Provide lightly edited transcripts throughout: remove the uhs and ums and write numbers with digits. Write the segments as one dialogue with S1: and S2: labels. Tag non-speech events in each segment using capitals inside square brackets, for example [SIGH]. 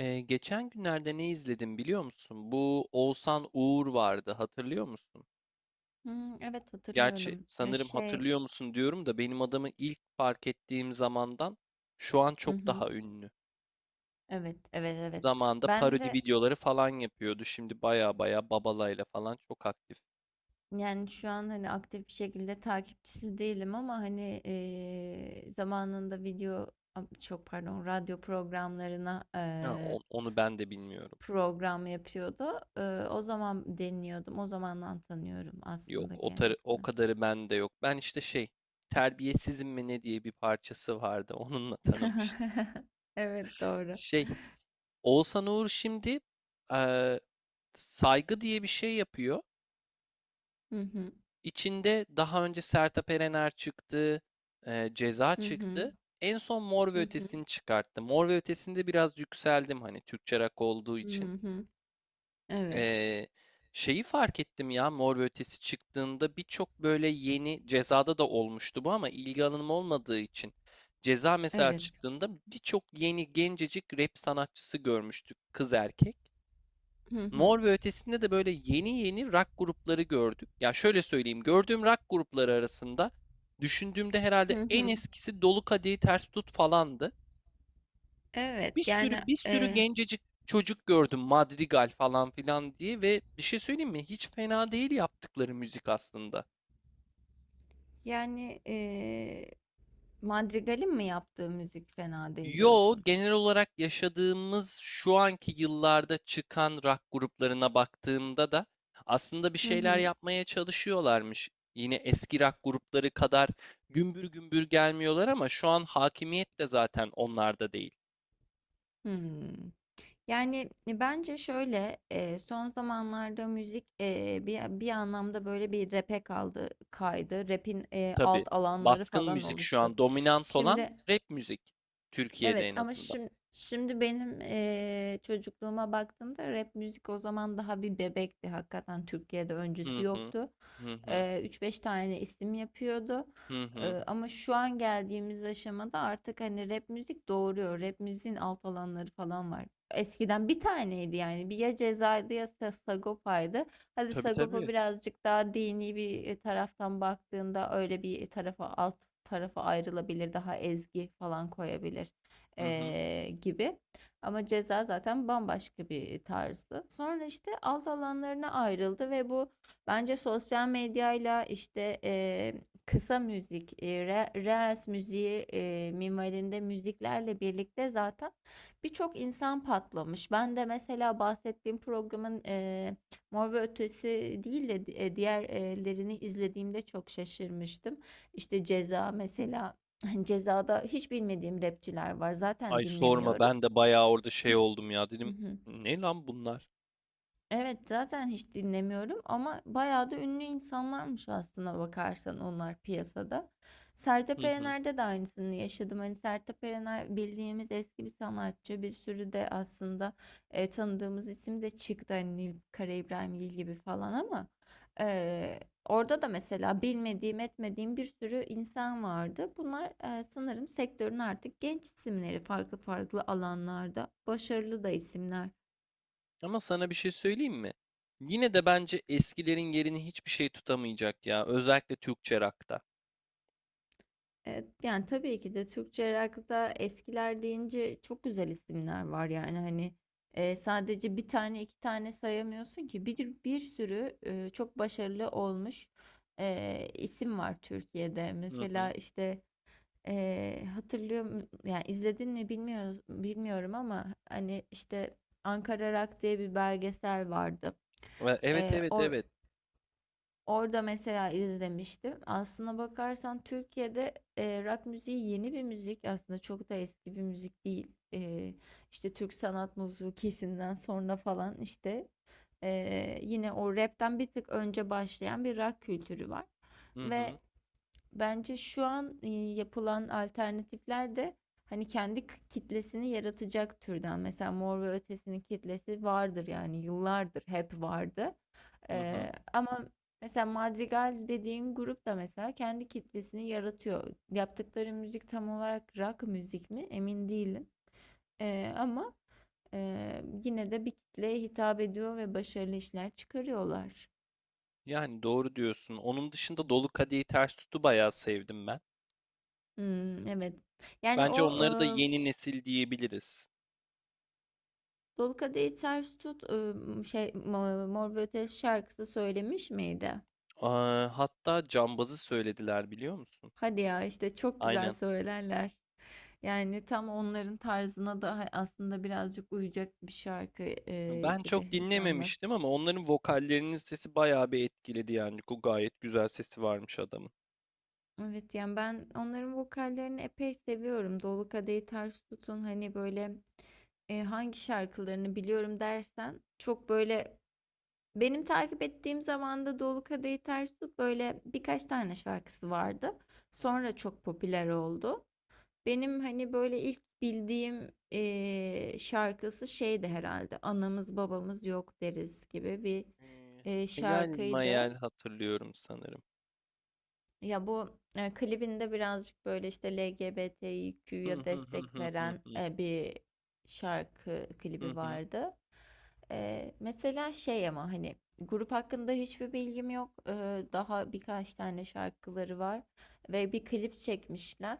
S1: Geçen günlerde ne izledim biliyor musun? Bu Oğuzhan Uğur vardı, hatırlıyor musun?
S2: Hımm, evet
S1: Gerçi
S2: hatırlıyorum.
S1: sanırım hatırlıyor musun diyorum da benim adamı ilk fark ettiğim zamandan şu an
S2: Hı
S1: çok
S2: hı.
S1: daha ünlü.
S2: Evet, evet, evet.
S1: Zamanında
S2: Ben
S1: parodi
S2: de,
S1: videoları falan yapıyordu. Şimdi baya baya Babala'yla falan çok aktif.
S2: yani, şu an, hani, aktif bir şekilde takipçisi değilim ama, hani, zamanında video am çok pardon, radyo programlarına,
S1: Ha, onu ben de bilmiyorum.
S2: program yapıyordu. O zaman dinliyordum. O zamandan tanıyorum
S1: Yok,
S2: aslında
S1: o, o
S2: kendisini.
S1: kadarı bende yok. Ben işte şey, Terbiyesizim mi ne diye bir parçası vardı. [LAUGHS] Onunla tanımıştım.
S2: [LAUGHS] Evet, doğru.
S1: Şey, Oğuzhan Uğur şimdi eee, saygı diye bir şey yapıyor.
S2: Hı hı.
S1: İçinde daha önce Sertab Erener çıktı, e, Ceza
S2: Hı hı.
S1: çıktı. En son Mor ve
S2: Hı hı.
S1: Ötesi'ni çıkarttı. Mor ve Ötesi'nde biraz yükseldim hani Türkçe rock olduğu için.
S2: Hı hı. Evet,
S1: E, şeyi fark ettim ya, Mor ve Ötesi çıktığında birçok böyle yeni Ceza'da da olmuştu bu ama ilgi alanım olmadığı için. Ceza mesela
S2: evet.
S1: çıktığında birçok yeni gencecik rap sanatçısı görmüştük, kız erkek.
S2: Hı hı.
S1: Mor ve Ötesi'nde de böyle yeni yeni rock grupları gördük. Ya şöyle söyleyeyim, gördüğüm rock grupları arasında düşündüğümde herhalde
S2: Hı
S1: en
S2: hı.
S1: eskisi Dolu Kadehi Ters Tut falandı.
S2: Evet
S1: Bir sürü bir sürü
S2: e,
S1: gencecik çocuk gördüm, Madrigal falan filan diye, ve bir şey söyleyeyim mi? Hiç fena değil yaptıkları müzik aslında.
S2: yani, Madrigal'in mi yaptığı müzik fena değil
S1: Yo,
S2: diyorsun.
S1: genel olarak yaşadığımız şu anki yıllarda çıkan rock gruplarına baktığımda da aslında bir
S2: Hı
S1: şeyler
S2: hı.
S1: yapmaya çalışıyorlarmış. Yine eski rock grupları kadar gümbür gümbür gelmiyorlar ama şu an hakimiyet de zaten onlarda değil.
S2: Hmm. Yani bence şöyle son zamanlarda müzik bir anlamda böyle bir rap'e kaldı kaydı. Rap'in
S1: Tabii,
S2: alt alanları
S1: baskın
S2: falan
S1: müzik şu
S2: oluştu.
S1: an dominant olan
S2: Şimdi,
S1: rap müzik. Türkiye'de
S2: evet,
S1: en
S2: ama
S1: azından.
S2: şimdi benim çocukluğuma baktığımda rap müzik o zaman daha bir bebekti. Hakikaten Türkiye'de öncüsü
S1: Hı hı.
S2: yoktu.
S1: Hı hı.
S2: 3-5 tane isim yapıyordu.
S1: Hı hı.
S2: Ama şu an geldiğimiz aşamada artık hani rap müzik doğuruyor. Rap müziğin alt alanları falan var. Eskiden bir taneydi yani. Bir ya Ceza'ydı ya Sagopa'ydı. Hadi
S1: Tabii
S2: Sagopa
S1: tabii.
S2: birazcık daha dini bir taraftan baktığında öyle bir tarafa alt tarafa ayrılabilir. Daha ezgi falan koyabilir
S1: Hı hı.
S2: gibi. Ama Ceza zaten bambaşka bir tarzdı. Sonra işte alt alanlarına ayrıldı ve bu bence sosyal medyayla işte kısa müzik, reels müziği minvalinde müziklerle birlikte zaten birçok insan patlamış. Ben de mesela bahsettiğim programın Mor ve Ötesi değil de diğerlerini izlediğimde çok şaşırmıştım. İşte Ceza mesela [LAUGHS] Ceza'da hiç bilmediğim rapçiler var. Zaten
S1: Ay sorma,
S2: dinlemiyorum.
S1: ben de bayağı orada şey oldum ya,
S2: Hı
S1: dedim.
S2: hı.
S1: Ne lan bunlar?
S2: Evet, zaten hiç dinlemiyorum ama bayağı da ünlü insanlarmış aslına bakarsan onlar piyasada.
S1: Hı
S2: Sertab
S1: hı.
S2: Erener'de de aynısını yaşadım. Hani Sertab Erener bildiğimiz eski bir sanatçı. Bir sürü de aslında tanıdığımız isim de çıktı. Hani Nilüfer İbrahimgil gibi falan ama e, orada da mesela bilmediğim etmediğim bir sürü insan vardı. Bunlar, sanırım sektörün artık genç isimleri farklı farklı alanlarda. Başarılı da isimler.
S1: Ama sana bir şey söyleyeyim mi? Yine de bence eskilerin yerini hiçbir şey tutamayacak ya. Özellikle Türkçe rock'ta.
S2: Evet, yani tabii ki de Türkçe rock'ta eskiler deyince çok güzel isimler var yani hani sadece bir tane iki tane sayamıyorsun ki bir sürü çok başarılı olmuş isim var Türkiye'de
S1: Hı hı.
S2: mesela işte e, hatırlıyor yani izledin mi bilmiyorum ama hani işte Ankara Rock diye bir belgesel vardı.
S1: Evet
S2: E,
S1: evet
S2: or-
S1: evet.
S2: Orada mesela izlemiştim. Aslına bakarsan Türkiye'de rock müziği yeni bir müzik. Aslında çok da eski bir müzik değil. İşte Türk sanat müziği kesinden sonra falan işte yine o rapten bir tık önce başlayan bir rock kültürü var.
S1: Hı hı.
S2: Ve bence şu an yapılan alternatifler de hani kendi kitlesini yaratacak türden. Mesela Mor ve Ötesi'nin kitlesi vardır yani yıllardır hep vardı.
S1: Hı hı.
S2: Ama mesela Madrigal dediğin grup da mesela kendi kitlesini yaratıyor. Yaptıkları müzik tam olarak rock müzik mi? Emin değilim. Ama yine de bir kitleye hitap ediyor ve başarılı işler çıkarıyorlar.
S1: Yani doğru diyorsun. Onun dışında Dolu Kadehi Ters Tut'u bayağı sevdim ben.
S2: Hmm, evet. Yani
S1: Bence
S2: o,
S1: onları da yeni nesil diyebiliriz.
S2: Dolu Kadehi Ters Tut Mor ve Ötesi şarkısı söylemiş miydi?
S1: Aa, hatta Cambaz'ı söylediler biliyor musun?
S2: Hadi ya işte çok güzel
S1: Aynen.
S2: söylerler. Yani tam onların tarzına da aslında birazcık uyacak bir şarkı
S1: Ben çok
S2: gibi Cambaz.
S1: dinlememiştim ama onların vokallerinin sesi bayağı bir etkiledi yani. Gayet güzel sesi varmış adamın.
S2: Evet yani ben onların vokallerini epey seviyorum. Dolu Kadehi Ters Tutun hani böyle hangi şarkılarını biliyorum dersen çok böyle benim takip ettiğim zamanda Dolu Kadehi Ters Tut böyle birkaç tane şarkısı vardı.
S1: Hı hı.
S2: Sonra çok popüler oldu. Benim hani böyle ilk bildiğim şarkısı şeydi herhalde. Anamız babamız yok deriz gibi bir
S1: Eee, Hayal
S2: şarkıydı.
S1: mayal hatırlıyorum sanırım.
S2: Ya bu klibinde birazcık böyle işte
S1: Hı
S2: LGBTQ'ya
S1: hı hı
S2: destek
S1: hı hı
S2: veren
S1: hı.
S2: bir şarkı
S1: Hı
S2: klibi
S1: hı,
S2: vardı. Mesela şey ama hani grup hakkında hiçbir bilgim yok. Daha birkaç tane şarkıları var ve bir klip çekmişler.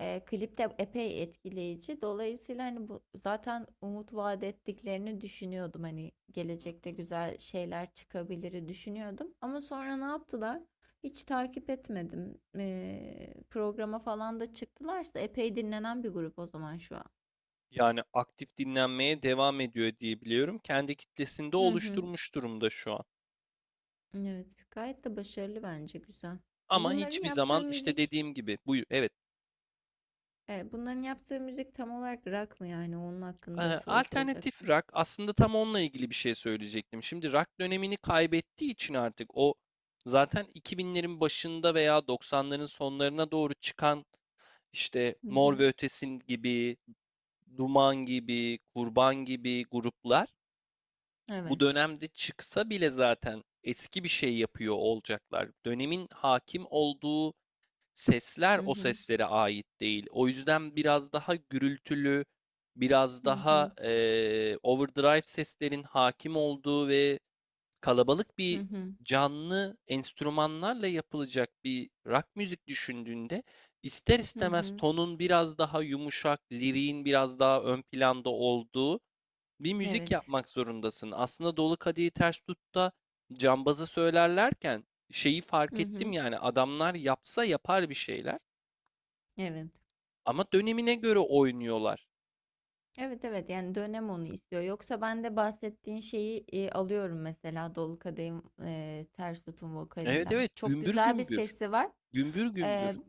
S2: Klip de epey etkileyici. Dolayısıyla hani bu zaten umut vaat ettiklerini düşünüyordum. Hani
S1: hı.
S2: gelecekte güzel şeyler çıkabilir düşünüyordum. Ama sonra ne yaptılar? Hiç takip etmedim. Programa falan da çıktılarsa epey dinlenen bir grup o zaman şu an.
S1: Yani aktif dinlenmeye devam ediyor diye biliyorum. Kendi kitlesinde
S2: Hı hı.
S1: oluşturmuş durumda şu an.
S2: Evet, gayet de başarılı bence güzel.
S1: Ama
S2: Bunların
S1: hiçbir
S2: yaptığı
S1: zaman işte
S2: müzik,
S1: dediğim gibi bu, evet.
S2: Bunların yaptığı müzik tam olarak rock mı yani? Onun
S1: Ee,
S2: hakkında soru
S1: Alternatif
S2: soracaktım.
S1: rock, aslında tam onunla ilgili bir şey söyleyecektim. Şimdi rock dönemini kaybettiği için artık o zaten 2000'lerin başında veya 90'ların sonlarına doğru çıkan işte
S2: Hı
S1: Mor
S2: hı.
S1: ve Ötesi gibi, Duman gibi, Kurban gibi gruplar bu
S2: Evet.
S1: dönemde çıksa bile zaten eski bir şey yapıyor olacaklar. Dönemin hakim olduğu sesler
S2: Hı
S1: o
S2: hı.
S1: seslere ait değil. O yüzden biraz daha gürültülü, biraz
S2: Hı
S1: daha
S2: hı.
S1: overdrive seslerin hakim olduğu ve kalabalık
S2: Hı
S1: bir
S2: hı.
S1: canlı enstrümanlarla yapılacak bir rock müzik düşündüğünde, ister
S2: Hı
S1: istemez
S2: hı.
S1: tonun biraz daha yumuşak, liriğin biraz daha ön planda olduğu bir müzik
S2: Evet.
S1: yapmak zorundasın. Aslında Dolu Kadehi Ters Tut'ta cambazı söylerlerken şeyi fark
S2: Hı
S1: ettim,
S2: hı.
S1: yani adamlar yapsa yapar bir şeyler
S2: Evet.
S1: ama dönemine göre oynuyorlar.
S2: Evet, evet, yani dönem onu istiyor. Yoksa ben de bahsettiğin şeyi alıyorum mesela Dolu Kadehin, Ters Tutun
S1: Evet
S2: vokalinden.
S1: evet,
S2: Çok
S1: gümbür
S2: güzel bir
S1: gümbür.
S2: sesi var.
S1: Gümbür
S2: E,
S1: gümbür.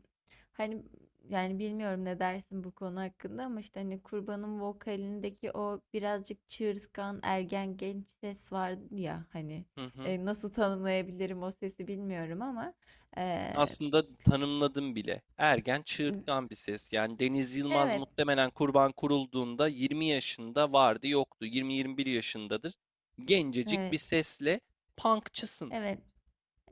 S2: Hani yani bilmiyorum ne dersin bu konu hakkında ama işte hani Kurban'ın vokalindeki o birazcık çığırtkan ergen genç ses var ya hani,
S1: Hı hı.
S2: nasıl tanımlayabilirim o sesi bilmiyorum ama e,
S1: Aslında tanımladım bile. Ergen, çığırtkan bir ses. Yani Deniz Yılmaz
S2: evet,
S1: muhtemelen Kurban kurulduğunda 20 yaşında vardı, yoktu. 20-21 yaşındadır. Gencecik bir
S2: evet,
S1: sesle punkçısın.
S2: evet.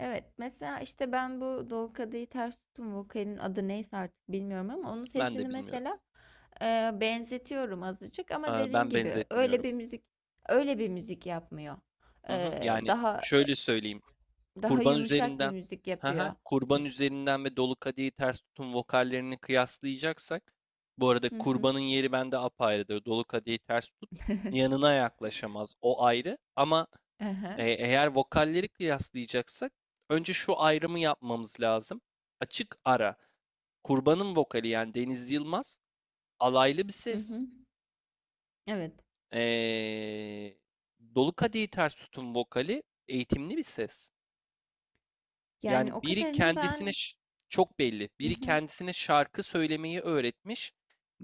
S2: Evet, mesela işte ben bu Doğu Kadehi Ters Tutun vokalinin adı neyse artık bilmiyorum ama onun
S1: Ben de
S2: sesini
S1: bilmiyorum.
S2: mesela benzetiyorum azıcık ama dediğin
S1: Ben
S2: gibi
S1: benzetmiyorum.
S2: öyle bir müzik yapmıyor.
S1: Hı hı.
S2: E,
S1: Yani
S2: daha
S1: şöyle söyleyeyim.
S2: daha
S1: Kurban
S2: yumuşak bir
S1: üzerinden,
S2: müzik
S1: hı hı,
S2: yapıyor.
S1: Kurban üzerinden ve Dolu Kadehi Ters Tutun vokallerini kıyaslayacaksak, bu arada
S2: Hı hı.
S1: Kurban'ın yeri bende apayrıdır. Dolu Kadehi Ters Tut
S2: [LAUGHS]
S1: yanına yaklaşamaz. O ayrı. Ama E,
S2: Aha.
S1: eğer vokalleri kıyaslayacaksak önce şu ayrımı yapmamız lazım. Açık ara. Kurban'ın vokali, yani Deniz Yılmaz, alaylı bir
S2: Hı hı.
S1: ses.
S2: Evet.
S1: E, Dolu Kadehi Ters Tut'un vokali eğitimli bir ses.
S2: Yani
S1: Yani
S2: o kadarını ben.
S1: çok belli.
S2: Hı
S1: Biri
S2: hı
S1: kendisine şarkı söylemeyi öğretmiş.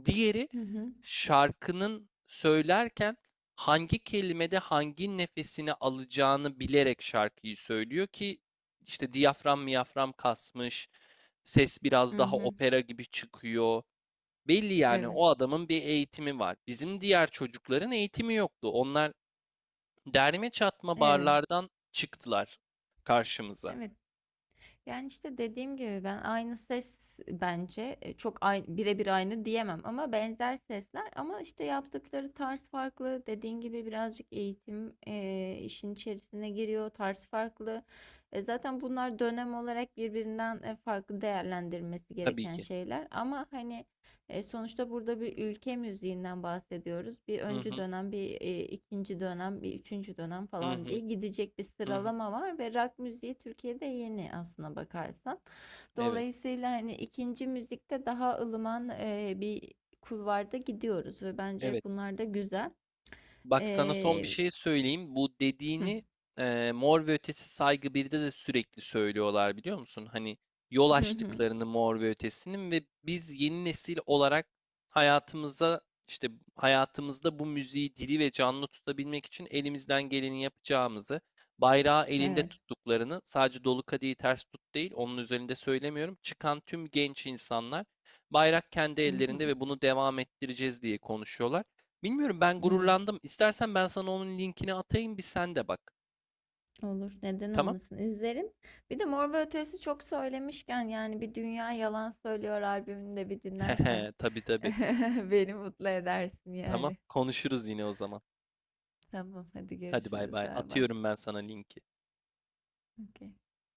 S1: Diğeri
S2: hı hı.
S1: şarkının söylerken hangi kelimede hangi nefesini alacağını bilerek şarkıyı söylüyor ki işte diyafram miyafram kasmış, ses biraz
S2: Hı
S1: daha
S2: hı.
S1: opera gibi çıkıyor. Belli yani
S2: Evet.
S1: o adamın bir eğitimi var. Bizim diğer çocukların eğitimi yoktu. Onlar derme çatma
S2: Evet.
S1: barlardan çıktılar karşımıza,
S2: Evet. Yani işte dediğim gibi ben aynı ses bence, çok birebir aynı diyemem ama benzer sesler ama işte yaptıkları tarz farklı. Dediğin gibi birazcık eğitim işin içerisine giriyor, tarz farklı. Zaten bunlar dönem olarak birbirinden farklı değerlendirmesi
S1: tabii
S2: gereken
S1: ki.
S2: şeyler ama hani sonuçta burada bir ülke müziğinden bahsediyoruz. Bir
S1: Hı
S2: öncü
S1: hı.
S2: dönem, bir ikinci dönem, bir üçüncü dönem
S1: Hı
S2: falan
S1: hı.
S2: diye gidecek bir
S1: Hı hı.
S2: sıralama var ve rock müziği Türkiye'de yeni aslına bakarsan.
S1: Evet.
S2: Dolayısıyla hani ikinci müzikte daha ılıman bir kulvarda gidiyoruz ve bence
S1: Evet.
S2: bunlar da güzel.
S1: Bak sana son bir
S2: E,
S1: şey söyleyeyim. Bu dediğini Mor ve Ötesi Saygı 1'de de sürekli söylüyorlar biliyor musun? Hani yol açtıklarını Mor ve Ötesi'nin ve biz yeni nesil olarak hayatımıza işte hayatımızda bu müziği diri ve canlı tutabilmek için elimizden geleni yapacağımızı, bayrağı
S2: [LAUGHS]
S1: elinde
S2: evet.
S1: tuttuklarını, sadece Dolu Kadehi Ters Tut değil, onun üzerinde söylemiyorum. Çıkan tüm genç insanlar bayrak kendi ellerinde ve
S2: [LAUGHS]
S1: bunu devam ettireceğiz diye konuşuyorlar. Bilmiyorum, ben
S2: Evet.
S1: gururlandım. İstersen ben sana onun linkini atayım, bir sen de bak.
S2: Olur. Neden
S1: Tamam?
S2: olmasın? İzlerim. Bir de Mor ve Ötesi çok söylemişken yani bir Dünya Yalan Söylüyor albümünü de bir
S1: [LAUGHS]
S2: dinlersen
S1: Hehe, tabii tabii.
S2: [LAUGHS] beni mutlu edersin
S1: Tamam,
S2: yani.
S1: konuşuruz yine o zaman.
S2: Tamam, hadi
S1: Hadi, bay
S2: görüşürüz.
S1: bay.
S2: Bay bay.
S1: Atıyorum ben sana linki.
S2: Okey.